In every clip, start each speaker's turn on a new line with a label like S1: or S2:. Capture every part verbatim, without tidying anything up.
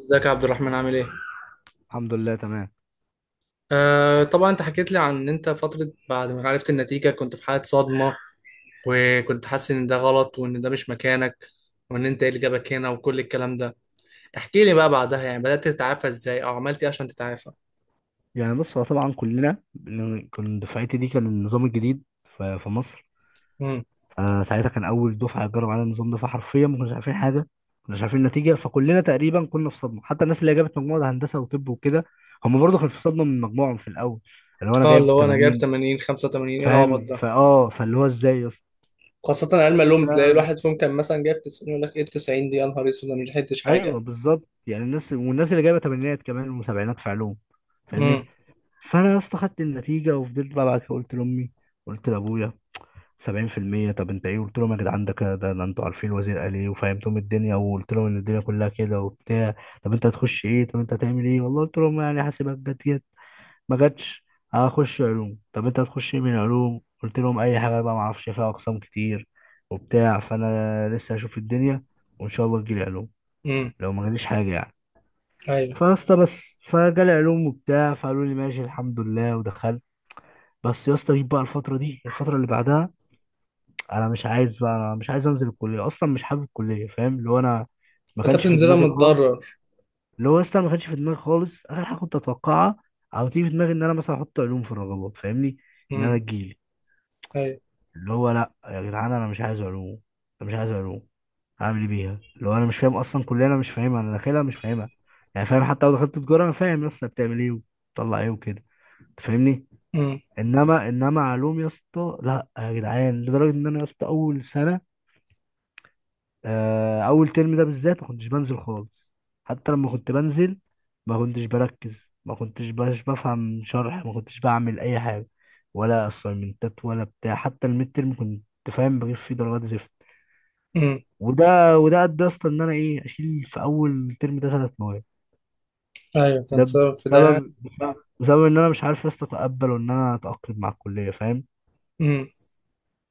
S1: ازيك يا عبد الرحمن، عامل ايه؟
S2: الحمد لله تمام.
S1: آه طبعا، انت حكيت لي عن ان انت فترة بعد ما عرفت النتيجة كنت في حالة صدمة، وكنت حاسس ان ده غلط وان ده مش مكانك، وان انت ايه اللي جابك هنا وكل الكلام ده. احكي لي بقى بعدها، يعني بدأت تتعافى ازاي او عملت ايه عشان تتعافى؟
S2: يعني بص، هو طبعا كلنا بن- كان دفعتي دي كان النظام الجديد ف- في مصر.
S1: امم.
S2: فساعتها كان اول دفعه تجرب على النظام ده، فحرفيا ما كناش عارفين حاجه، ما كناش عارفين النتيجه. فكلنا تقريبا كنا في صدمه، حتى الناس اللي جابت مجموعه هندسه وطب وكده هم برضه كانوا في صدمه من مجموعهم في الاول، اللي هو انا
S1: اه، اللي
S2: جايب
S1: هو انا جايب
S2: تمانين.
S1: ثمانين خمسة وتمانين ايه العبط
S2: فاهم
S1: ده؟
S2: فاه فاللي هو ازاي يا اسطى؟
S1: خاصة علم
S2: ف-
S1: العلوم، تلاقي الواحد فيهم كان مثلا جايب تسعين يقول لك ايه، تسعين دي يا نهار اسود، انا مش لحقتش حاجة.
S2: ايوه بالظبط، يعني الناس، والناس اللي جايبه تمانينات كمان وسبعينات في علوم، فاهمني؟
S1: امم.
S2: فانا يا اسطى خدت النتيجه وفضلت بقى. بعد كده قلت لامي، قلت لابويا، سبعين في المية. طب انت ايه؟ قلت لهم يا جدعان ده كده، ده ده انتوا عارفين الوزير قال ايه، وفهمتهم الدنيا، وقلت لهم ان الدنيا كلها كده وبتاع. طب انت هتخش ايه؟ طب انت هتعمل ايه؟ والله قلت لهم يعني حاسبات، جت جت ما جاتش. اه، هخش علوم. طب انت هتخش ايه من علوم؟ قلت لهم اي حاجه بقى، ما اعرفش فيها اقسام كتير وبتاع، فانا لسه هشوف الدنيا، وان شاء الله تجيلي علوم،
S1: امم.
S2: لو ما جاليش حاجه يعني.
S1: ايوه.
S2: فيا اسطى بس فجالي علوم وبتاع، فقالوا لي ماشي الحمد لله، ودخلت. بس يا اسطى جيت بقى الفتره دي، الفتره اللي بعدها، انا مش عايز بقى، انا مش عايز انزل الكليه اصلا، مش حابب الكليه، فاهم؟ اللي هو انا ما
S1: فانت
S2: كانش في
S1: بتنزلها
S2: دماغي خالص،
S1: متضرر.
S2: اللي هو اصلا ما كانش في دماغي خالص، اخر حاجه كنت اتوقعها او تيجي في دماغي ان انا مثلا احط علوم في الرغبات، فاهمني؟ ان انا
S1: امم.
S2: تجيلي.
S1: ايوه.
S2: اللي هو لا يا جدعان انا مش عايز علوم، انا مش عايز علوم، هعمل ايه بيها؟ اللي هو انا مش فاهم اصلا كليه، انا مش فاهمها، انا داخلها مش فاهمها. يعني فاهم، حتى لو دخلت تجاره انا فاهم يا اسطى بتعمل ايه وبتطلع ايه وكده، أنت فاهمني؟
S1: امم.
S2: انما انما علوم يا اسطى لا يا جدعان. لدرجه ان انا يا اسطى اول سنه، آه، اول ترم ده بالذات، ما كنتش بنزل خالص. حتى لما كنت بنزل ما كنتش بركز، ما كنتش باش بفهم شرح، ما كنتش بعمل اي حاجه، ولا اسايمنتات ولا بتاع. حتى الميد ترم كنت فاهم، بجيب فيه درجات زفت.
S1: امم.
S2: وده وده ادى يا اسطى ان انا ايه، اشيل في اول ترم ده ثلاث مواد.
S1: ايوه،
S2: ده
S1: فانصرف في ده يعني.
S2: بسبب بسبب بسبب ان انا مش عارف يا اسطى اتقبل وان انا اتاقلم مع الكليه، فاهم؟
S1: مم.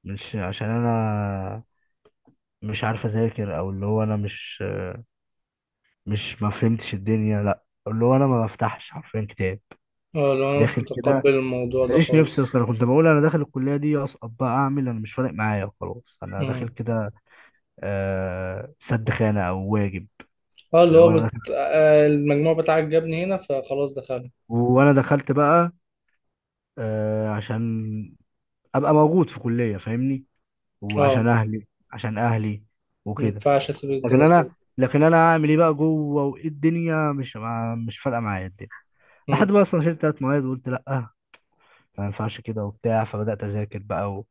S2: مش عشان انا مش عارف اذاكر، او اللي هو انا مش مش ما فهمتش الدنيا، لا اللي هو انا ما بفتحش حرفيا كتاب.
S1: اه، لو انا مش
S2: داخل
S1: متقبل
S2: كده،
S1: الموضوع ده
S2: ماليش
S1: خالص.
S2: نفسي اصلا. انا كنت بقول انا داخل الكليه دي، اسقط بقى اعمل، انا مش فارق معايا، خلاص انا داخل
S1: امم.
S2: كده، آه سد خانه او واجب.
S1: اه، اللي
S2: اللي هو
S1: هو
S2: انا
S1: بت...
S2: داخل،
S1: آه، المجموع بتاعك جابني هنا، فخلاص دخلنا.
S2: وانا دخلت بقى، آه عشان ابقى موجود في كليه، فاهمني؟
S1: اه،
S2: وعشان اهلي، عشان اهلي
S1: ما
S2: وكده.
S1: ينفعش اسيب
S2: لكن
S1: الدراسة.
S2: انا لكن انا اعمل ايه بقى جوه؟ وايه الدنيا؟ مش مع- مش فارقه معايا الدنيا، لحد
S1: امم.
S2: بقى اصلا شلت ثلاث مواد وقلت لا، ما ينفعش كده وبتاع. فبدأت أذاكر بقى و...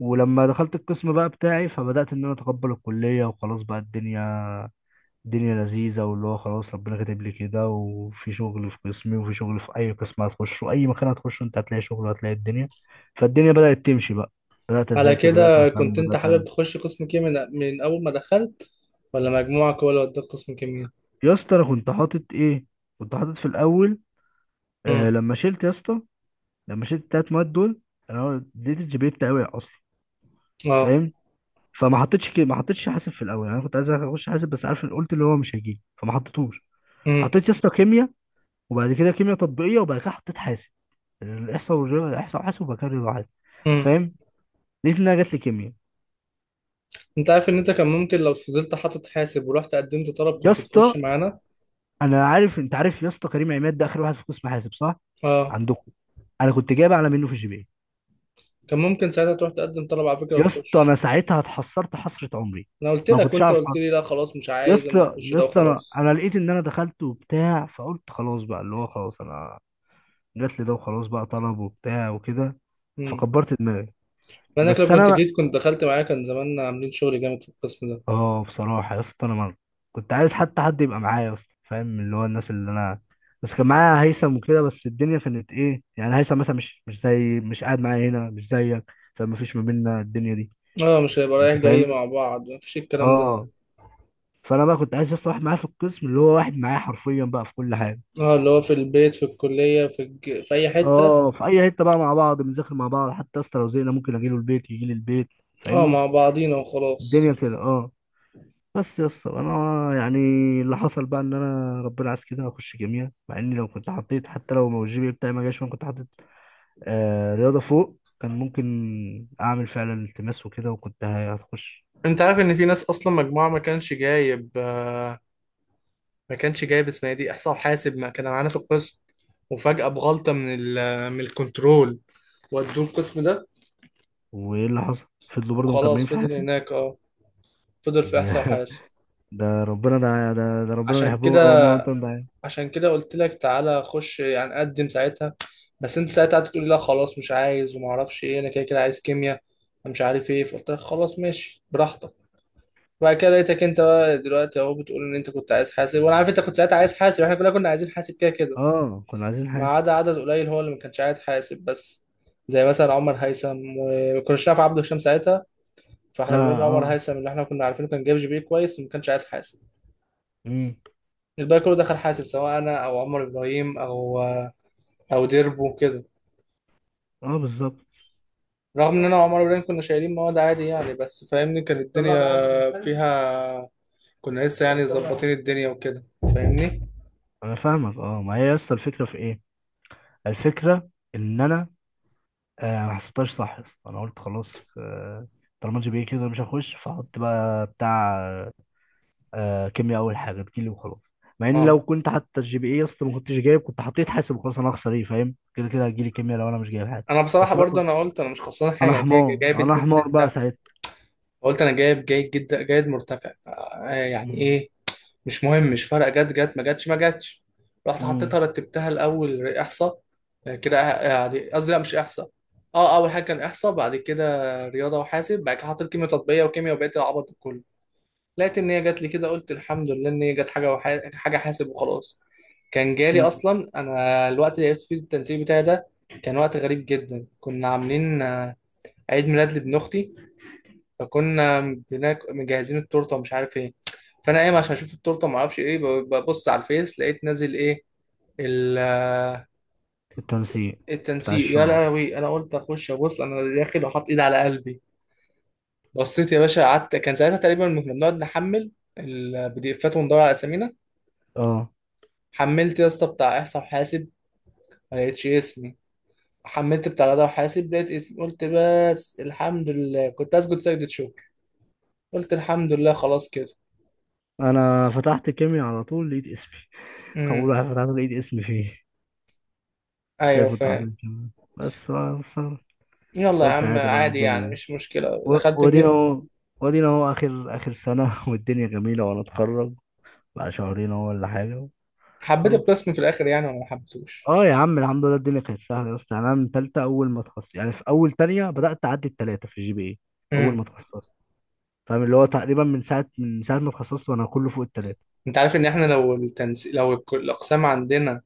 S2: ولما دخلت القسم بقى بتاعي، فبدأت إن أنا أتقبل الكلية، وخلاص بقى الدنيا الدنيا لذيذة، واللي هو خلاص ربنا كاتب لي كده، وفي شغل في قسمي، وفي شغل في أي قسم هتخشه، أي مكان هتخشه أنت هتلاقي شغل وهتلاقي الدنيا. فالدنيا بدأت تمشي بقى، بدأت
S1: على
S2: أذاكر، بدأت
S1: كده،
S2: أهتم،
S1: كنت انت
S2: بدأت
S1: حابب
S2: أنزل.
S1: تخش قسم كيمياء من... من اول ما دخلت، ولا مجموعك هو اللي وداك قسم كيمياء؟
S2: يا اسطى أنا كنت حاطط إيه؟ كنت حاطط في الأول،
S1: امم.
S2: آه لما شلت يا اسطى، لما شلت التلات مواد دول، أنا اديت الجي بي إيه بتاعي وقع أصلا،
S1: اه.
S2: فاهم؟ فما حطيتش كده، ما حطيتش حاسب في الاول. يعني انا كنت عايز اخش حاسب بس عارف، قلت اللي هو مش هيجي فما حطيتهوش.
S1: امم.
S2: حطيت يا اسطى كيمياء، وبعد كده كيمياء تطبيقيه، وبعد كده حطيت حاسب، الاحصاء والرياضه، الاحصاء وحاسب، وبعد كده الرياضة وحاسب،
S1: امم.
S2: فاهم؟ لقيت انها جات لي كيمياء.
S1: انت عارف ان انت كان ممكن لو فضلت حاطط حاسب ورحت قدمت طلب
S2: يا
S1: كنت
S2: اسطى
S1: تخش معانا.
S2: انا عارف، انت عارف يا اسطى كريم عماد ده اخر واحد في قسم حاسب صح،
S1: اه،
S2: عندكم؟ انا كنت جايب اعلى منه في الجي بي إيه.
S1: كان ممكن ساعتها تروح تقدم طلب على فكرة
S2: يا اسطى
S1: وتخش.
S2: انا ساعتها اتحسرت حسره عمري،
S1: انا قلت
S2: ما
S1: لك
S2: كنتش
S1: وانت
S2: اعرف
S1: قلت
S2: حد.
S1: لي لا خلاص مش
S2: يا
S1: عايز، انا
S2: اسطى
S1: اخش
S2: يا
S1: ده
S2: اسطى انا،
S1: وخلاص.
S2: أنا لقيت ان انا دخلت وبتاع، فقلت خلاص بقى، اللي هو خلاص انا جات لي ده وخلاص بقى، طلب وبتاع وكده،
S1: امم.
S2: فكبرت دماغي.
S1: ما انك لو
S2: بس
S1: كنت
S2: انا بقى،
S1: جيت كنت دخلت معايا، كان زماننا عاملين شغل جامد في القسم ده.
S2: اه بصراحه يا اسطى انا مر. كنت عايز حتى حد يبقى معايا يا اسطى، فاهم؟ اللي هو الناس اللي انا، بس كان معايا هيثم وكده، بس الدنيا كانت ايه، يعني هيثم مثلا مش مش زي، مش قاعد معايا هنا، مش زيك. فما فيش ما بيننا الدنيا دي،
S1: اه، مش هيبقى
S2: انت
S1: رايح جاي
S2: فاهمني؟
S1: مع بعض، مفيش الكلام ده.
S2: اه، فانا بقى كنت عايز يا اسطى واحد معايا في القسم، اللي هو واحد معايا حرفيا بقى في كل حاجه.
S1: اه، اللي هو في البيت، في الكلية، في الج... في اي حتة.
S2: اه، في اي حته بقى مع بعض، بنذاكر مع بعض، حتى يا اسطى لو زهقنا ممكن اجي له البيت يجي لي البيت،
S1: اه، مع
S2: فاهمني؟
S1: بعضينا
S2: الدنيا
S1: وخلاص.
S2: كده، اه. بس يا اسطى انا يعني، اللي حصل بقى ان انا ربنا عايز كده، اخش كيمياء. مع اني لو كنت حطيت حتى لو ما الجي بي إيه بتاعي ما جاش، وانا كنت حطيت آه رياضه فوق، كان ممكن اعمل فعلا التماس وكده، وكنت هتخش.
S1: انت عارف ان في ناس اصلا مجموعه ما كانش جايب، آه، ما كانش جايب اسمها دي احصاء وحاسب، ما كان معانا في القسم. وفجاه بغلطه من ال من الكنترول، ودوه القسم ده.
S2: وايه اللي حصل؟ فضلوا برضه
S1: وخلاص
S2: مكملين في
S1: فضل
S2: حياتي
S1: هناك، اه فضل في
S2: دي.
S1: احصاء وحاسب.
S2: ده ربنا، ده ده, ده ربنا
S1: عشان
S2: بيحبهم، او
S1: كده،
S2: ما انت مضايق.
S1: عشان كده قلت لك تعالى خش، يعني قدم ساعتها. بس انت ساعتها قعدت تقول لي لا خلاص مش عايز، وما اعرفش ايه، انا كده كده عايز كيمياء، انا مش عارف ايه. فقلت لك خلاص ماشي براحتك. وبعد كده لقيتك انت بقى دلوقتي اهو بتقول ان انت كنت عايز حاسب، وانا عارف انت كنت ساعتها عايز حاسب، احنا كلنا كنا عايزين حاسب كده كده.
S2: اه كنا عايزين
S1: ما
S2: حاسب.
S1: عدا عدد قليل هو اللي ما كانش عايز حاسب بس، زي مثلا عمر هيثم، وما كناش نعرف عبده هشام ساعتها.
S2: اه،
S1: فاحنا بنقول لعمر
S2: اه.
S1: هيثم اللي احنا كنا عارفينه كان جايب جي بي كويس وما كانش عايز حاسب.
S2: امم.
S1: الباقي كله دخل حاسب، سواء انا او عمر ابراهيم او او ديربو كده.
S2: اه بالظبط.
S1: رغم ان انا وعمر ورين كنا شايلين مواد عادي يعني، بس فاهمني كانت الدنيا فيها، كنا لسه يعني ظبطين الدنيا وكده، فاهمني.
S2: انا فاهمك، اه. ما هي يا اسطى الفكره في ايه؟ الفكره ان انا، آه ما حسبتهاش صح يا اسطى. انا قلت خلاص، آه طالما جي بي إيه كده مش هخش، فاحط بقى بتاع، آه كيمياء اول حاجه تجيلي وخلاص. مع ان
S1: اه،
S2: لو كنت، حتى الجي بي اي اصلا ما كنتش جايب، كنت حطيت حاسب وخلاص. انا هخسر ايه فاهم؟ كده كده هتجيلي كيمياء لو انا مش جايب حاجه.
S1: انا بصراحه
S2: بس انا
S1: برضه،
S2: كنت-
S1: انا قلت انا مش خسران
S2: انا
S1: حاجه، أنا جاي-
S2: حمار،
S1: جايب
S2: انا
S1: 2
S2: حمار بقى
S1: 6
S2: ساعتها.
S1: قلت انا جايب جيد جدا جيد مرتفع، ف- آه، يعني
S2: مم.
S1: ايه، مش مهم، مش فارقه، جت جت ما جتش ما جتش. رحت
S2: مم.
S1: حطيتها، رتبتها الاول احصاء، آه، كده آه، يعني قصدي لا مش احصاء، اه اول حاجه كان احصاء، بعد كده رياضه وحاسب، بعد كده حطيت كيمياء تطبيقيه وكيمياء وبقيت العبط ده كله. لقيت ان هي جات لي كده، قلت الحمد لله ان هي جت حاجه، وح... حاجه حاسب وخلاص. كان جالي
S2: مم.
S1: اصلا، انا الوقت اللي عرفت فيه التنسيق بتاعي ده كان وقت غريب جدا. كنا عاملين آه، عيد ميلاد لابن اختي، فكنا بناك... مجهزين التورته ومش عارف ايه. فانا قايم عشان اشوف التورته، ما اعرفش ايه ب- ببص على الفيس لقيت نازل ايه، ال... آه،
S2: التنسيق بتاع
S1: التنسيق. يا
S2: الشعب.
S1: لهوي، انا قلت اخش ابص، انا داخل وحاط ايد على قلبي. بصيت يا باشا، قعدت، كان ساعتها تقريبا كنا بنقعد نحمل البي دي افات وندور على اسامينا.
S2: اه
S1: حملت يا اسطى بتاع احصاء وحاسب، ما لقيتش اسمي. حملت بتاع رياضه وحاسب، لقيت اسمي، قلت بس الحمد لله، كنت اسجد سجدة شكر. قلت الحمد لله خلاص كده.
S2: انا فتحت كيمياء على طول، لقيت اسمي. اول
S1: امم.
S2: واحد فتحت لقيت اسمي فيه.
S1: ايوه
S2: شايف؟ كنت
S1: فاهم.
S2: حاطط كيمياء بس، بقى بس بس
S1: يلا يا
S2: قلت
S1: عم
S2: عادي بقى
S1: عادي يعني،
S2: الدنيا.
S1: مش مشكله
S2: و-
S1: دخلت
S2: ودينا
S1: في.
S2: اهو، ودينا اهو اخر، اخر سنة. والدنيا جميلة وانا اتخرج بقى، شهرين اهو ولا حاجة.
S1: حبيت
S2: خلاص.
S1: القسم في الاخر يعني، ولا ما حبيتهوش؟
S2: اه يا عم الحمد لله الدنيا كانت سهلة يا اسطى. يعني انا من تالتة، اول ما اتخصصت، يعني في اول تانية بدأت اعدي التلاتة في الجي بي اي. اول
S1: امم.
S2: ما اتخصصت، فاهم؟ اللي هو تقريبا من ساعة من ساعة ما اتخصصت وانا كله فوق التلاتة.
S1: انت عارف ان احنا لو التنس... لو الك- الاقسام عندنا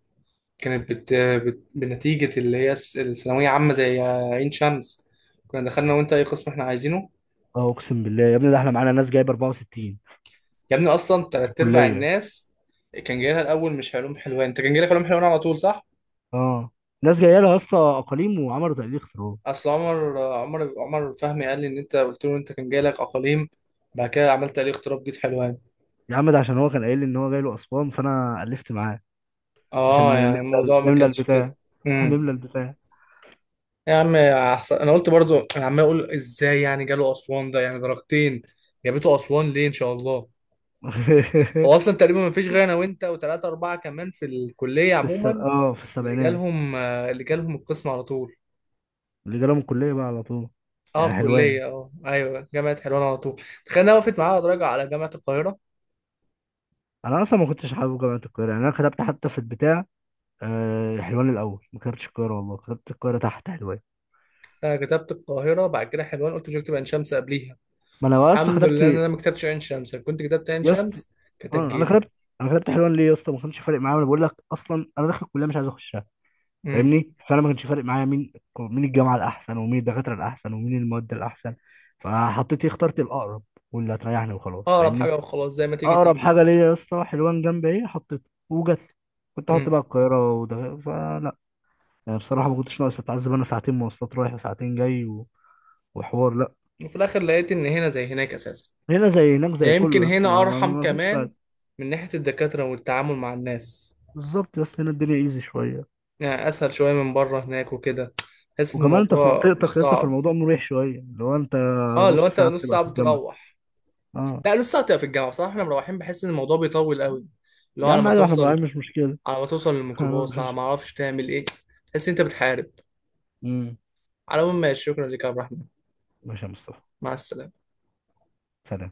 S1: كانت بت... بت... بنتيجه اللي هي الس- الثانويه عامه زي عين شمس، كنا دخلنا وانت اي قسم احنا عايزينه.
S2: اه اقسم بالله يا ابني، ده احنا معانا ناس جايبة أربعة وستين
S1: يا ابني اصلا
S2: في
S1: تلات ارباع
S2: الكلية.
S1: الناس كان جاي لها الاول مش علوم حلوان. انت كان جاي لك علوم حلوان على طول صح؟
S2: اه ناس جايه لها يا اسطى اقاليم وعملوا تقليل اختراع.
S1: اصل عمر عمر عمر فهمي قال لي ان انت قلت له انت كان جاي لك اقاليم، بعد كده عملت عليه اغتراب جيت حلوان.
S2: يا عم ده عشان هو كان قايل لي ان هو جاي له اسوان، فانا الفت معاه
S1: اه،
S2: عشان
S1: يعني
S2: نملى
S1: الموضوع ما
S2: نملى
S1: كانش
S2: البتاع
S1: كده.
S2: نملى
S1: امم.
S2: البتاع
S1: يا عم يا حسن، انا قلت برضو، انا عمال اقول ازاي يعني جاله اسوان ده، يعني درجتين جابته اسوان ليه ان شاء الله. هو اصلا تقريبا ما فيش غير انا وانت وثلاثه اربعه كمان في الكليه
S2: في الس...
S1: عموما،
S2: اه في
S1: اللي
S2: السبعينات
S1: جالهم اللي جالهم القسم على طول.
S2: اللي جاله من الكلية بقى على طول،
S1: اه
S2: يعني حلوان.
S1: كلية، اه ايوه جامعة حلوان على طول. تخيل انها وقفت معايا على درجة على جامعة القاهرة.
S2: انا اصلا ما كنتش حابب جامعة القاهرة، يعني انا كتبت حتى في البتاع، آه، حلوان الاول، ما كتبتش القاهرة. والله كتبت القاهرة تحت حلوان.
S1: انا كتبت القاهرة بعد كده حلوان، قلت مش هكتب عين شمس قبليها.
S2: ما انا اصلا
S1: الحمد
S2: كتبت
S1: لله ان انا ما كتبتش عين شمس، لو كنت كتبت عين
S2: يا اسطى،
S1: شمس كانت
S2: آه، انا
S1: هتجيلي.
S2: كتبت انا كتبت حلوان. ليه يا اسطى؟ ما كانش فارق معايا. انا بقول لك اصلا انا داخل الكلية مش عايز اخش،
S1: امم.
S2: فاهمني؟ فانا ما كانش فارق معايا مين مين الجامعه الاحسن، ومين الدكاتره الاحسن، ومين المواد الاحسن. فحطيت إيه، اخترت الاقرب، واللي هتريحني وخلاص،
S1: اقرب
S2: فاهمني؟
S1: حاجة وخلاص، زي ما تيجي
S2: اقرب
S1: تيجي.
S2: حاجه ليا يا اسطى حلوان. جنب ايه حطيته وجت. كنت هحط
S1: امم.
S2: بقى القاهره وده، فلا. يعني بصراحه ما كنتش ناقص اتعذب انا، ساعتين مواصلات رايح وساعتين جاي و... وحوار، لا.
S1: وفي الاخر لقيت ان هنا زي هناك اساسا.
S2: هنا زي هناك، زي
S1: يعني
S2: كله
S1: يمكن
S2: يا اسطى،
S1: هنا
S2: ما, ما, ما
S1: ارحم
S2: ما فيش
S1: كمان
S2: بقى.
S1: من ناحية الدكاترة والتعامل مع الناس،
S2: بالظبط يا اسطى، هنا الدنيا ايزي شويه.
S1: يعني اسهل شوية من بره هناك وكده، تحس ان
S2: وكمان انت في
S1: الموضوع مش
S2: منطقتك يا اسطى،
S1: صعب.
S2: فالموضوع مريح شويه. لو انت
S1: اه لو
S2: نص
S1: انت
S2: ساعه
S1: نص
S2: بتبقى
S1: ساعة
S2: في الجامعه،
S1: بتروح.
S2: اه.
S1: لا لسه هتبقى في الجامعه بصراحه، احنا مروحين بحس ان الموضوع بيطول قوي، اللي هو
S2: يا
S1: على
S2: عم
S1: ما
S2: عادي، واحنا
S1: توصل،
S2: مراعيين، مش مشكلة.
S1: على ما توصل
S2: أنا-
S1: للميكروباص، على
S2: مش
S1: ما اعرفش تعمل ايه، تحس إن انت بتحارب.
S2: مم.
S1: على العموم ماشي، شكرا لك يا عبد الرحمن.
S2: ماشي يا مصطفى،
S1: مع السلامه.
S2: سلام.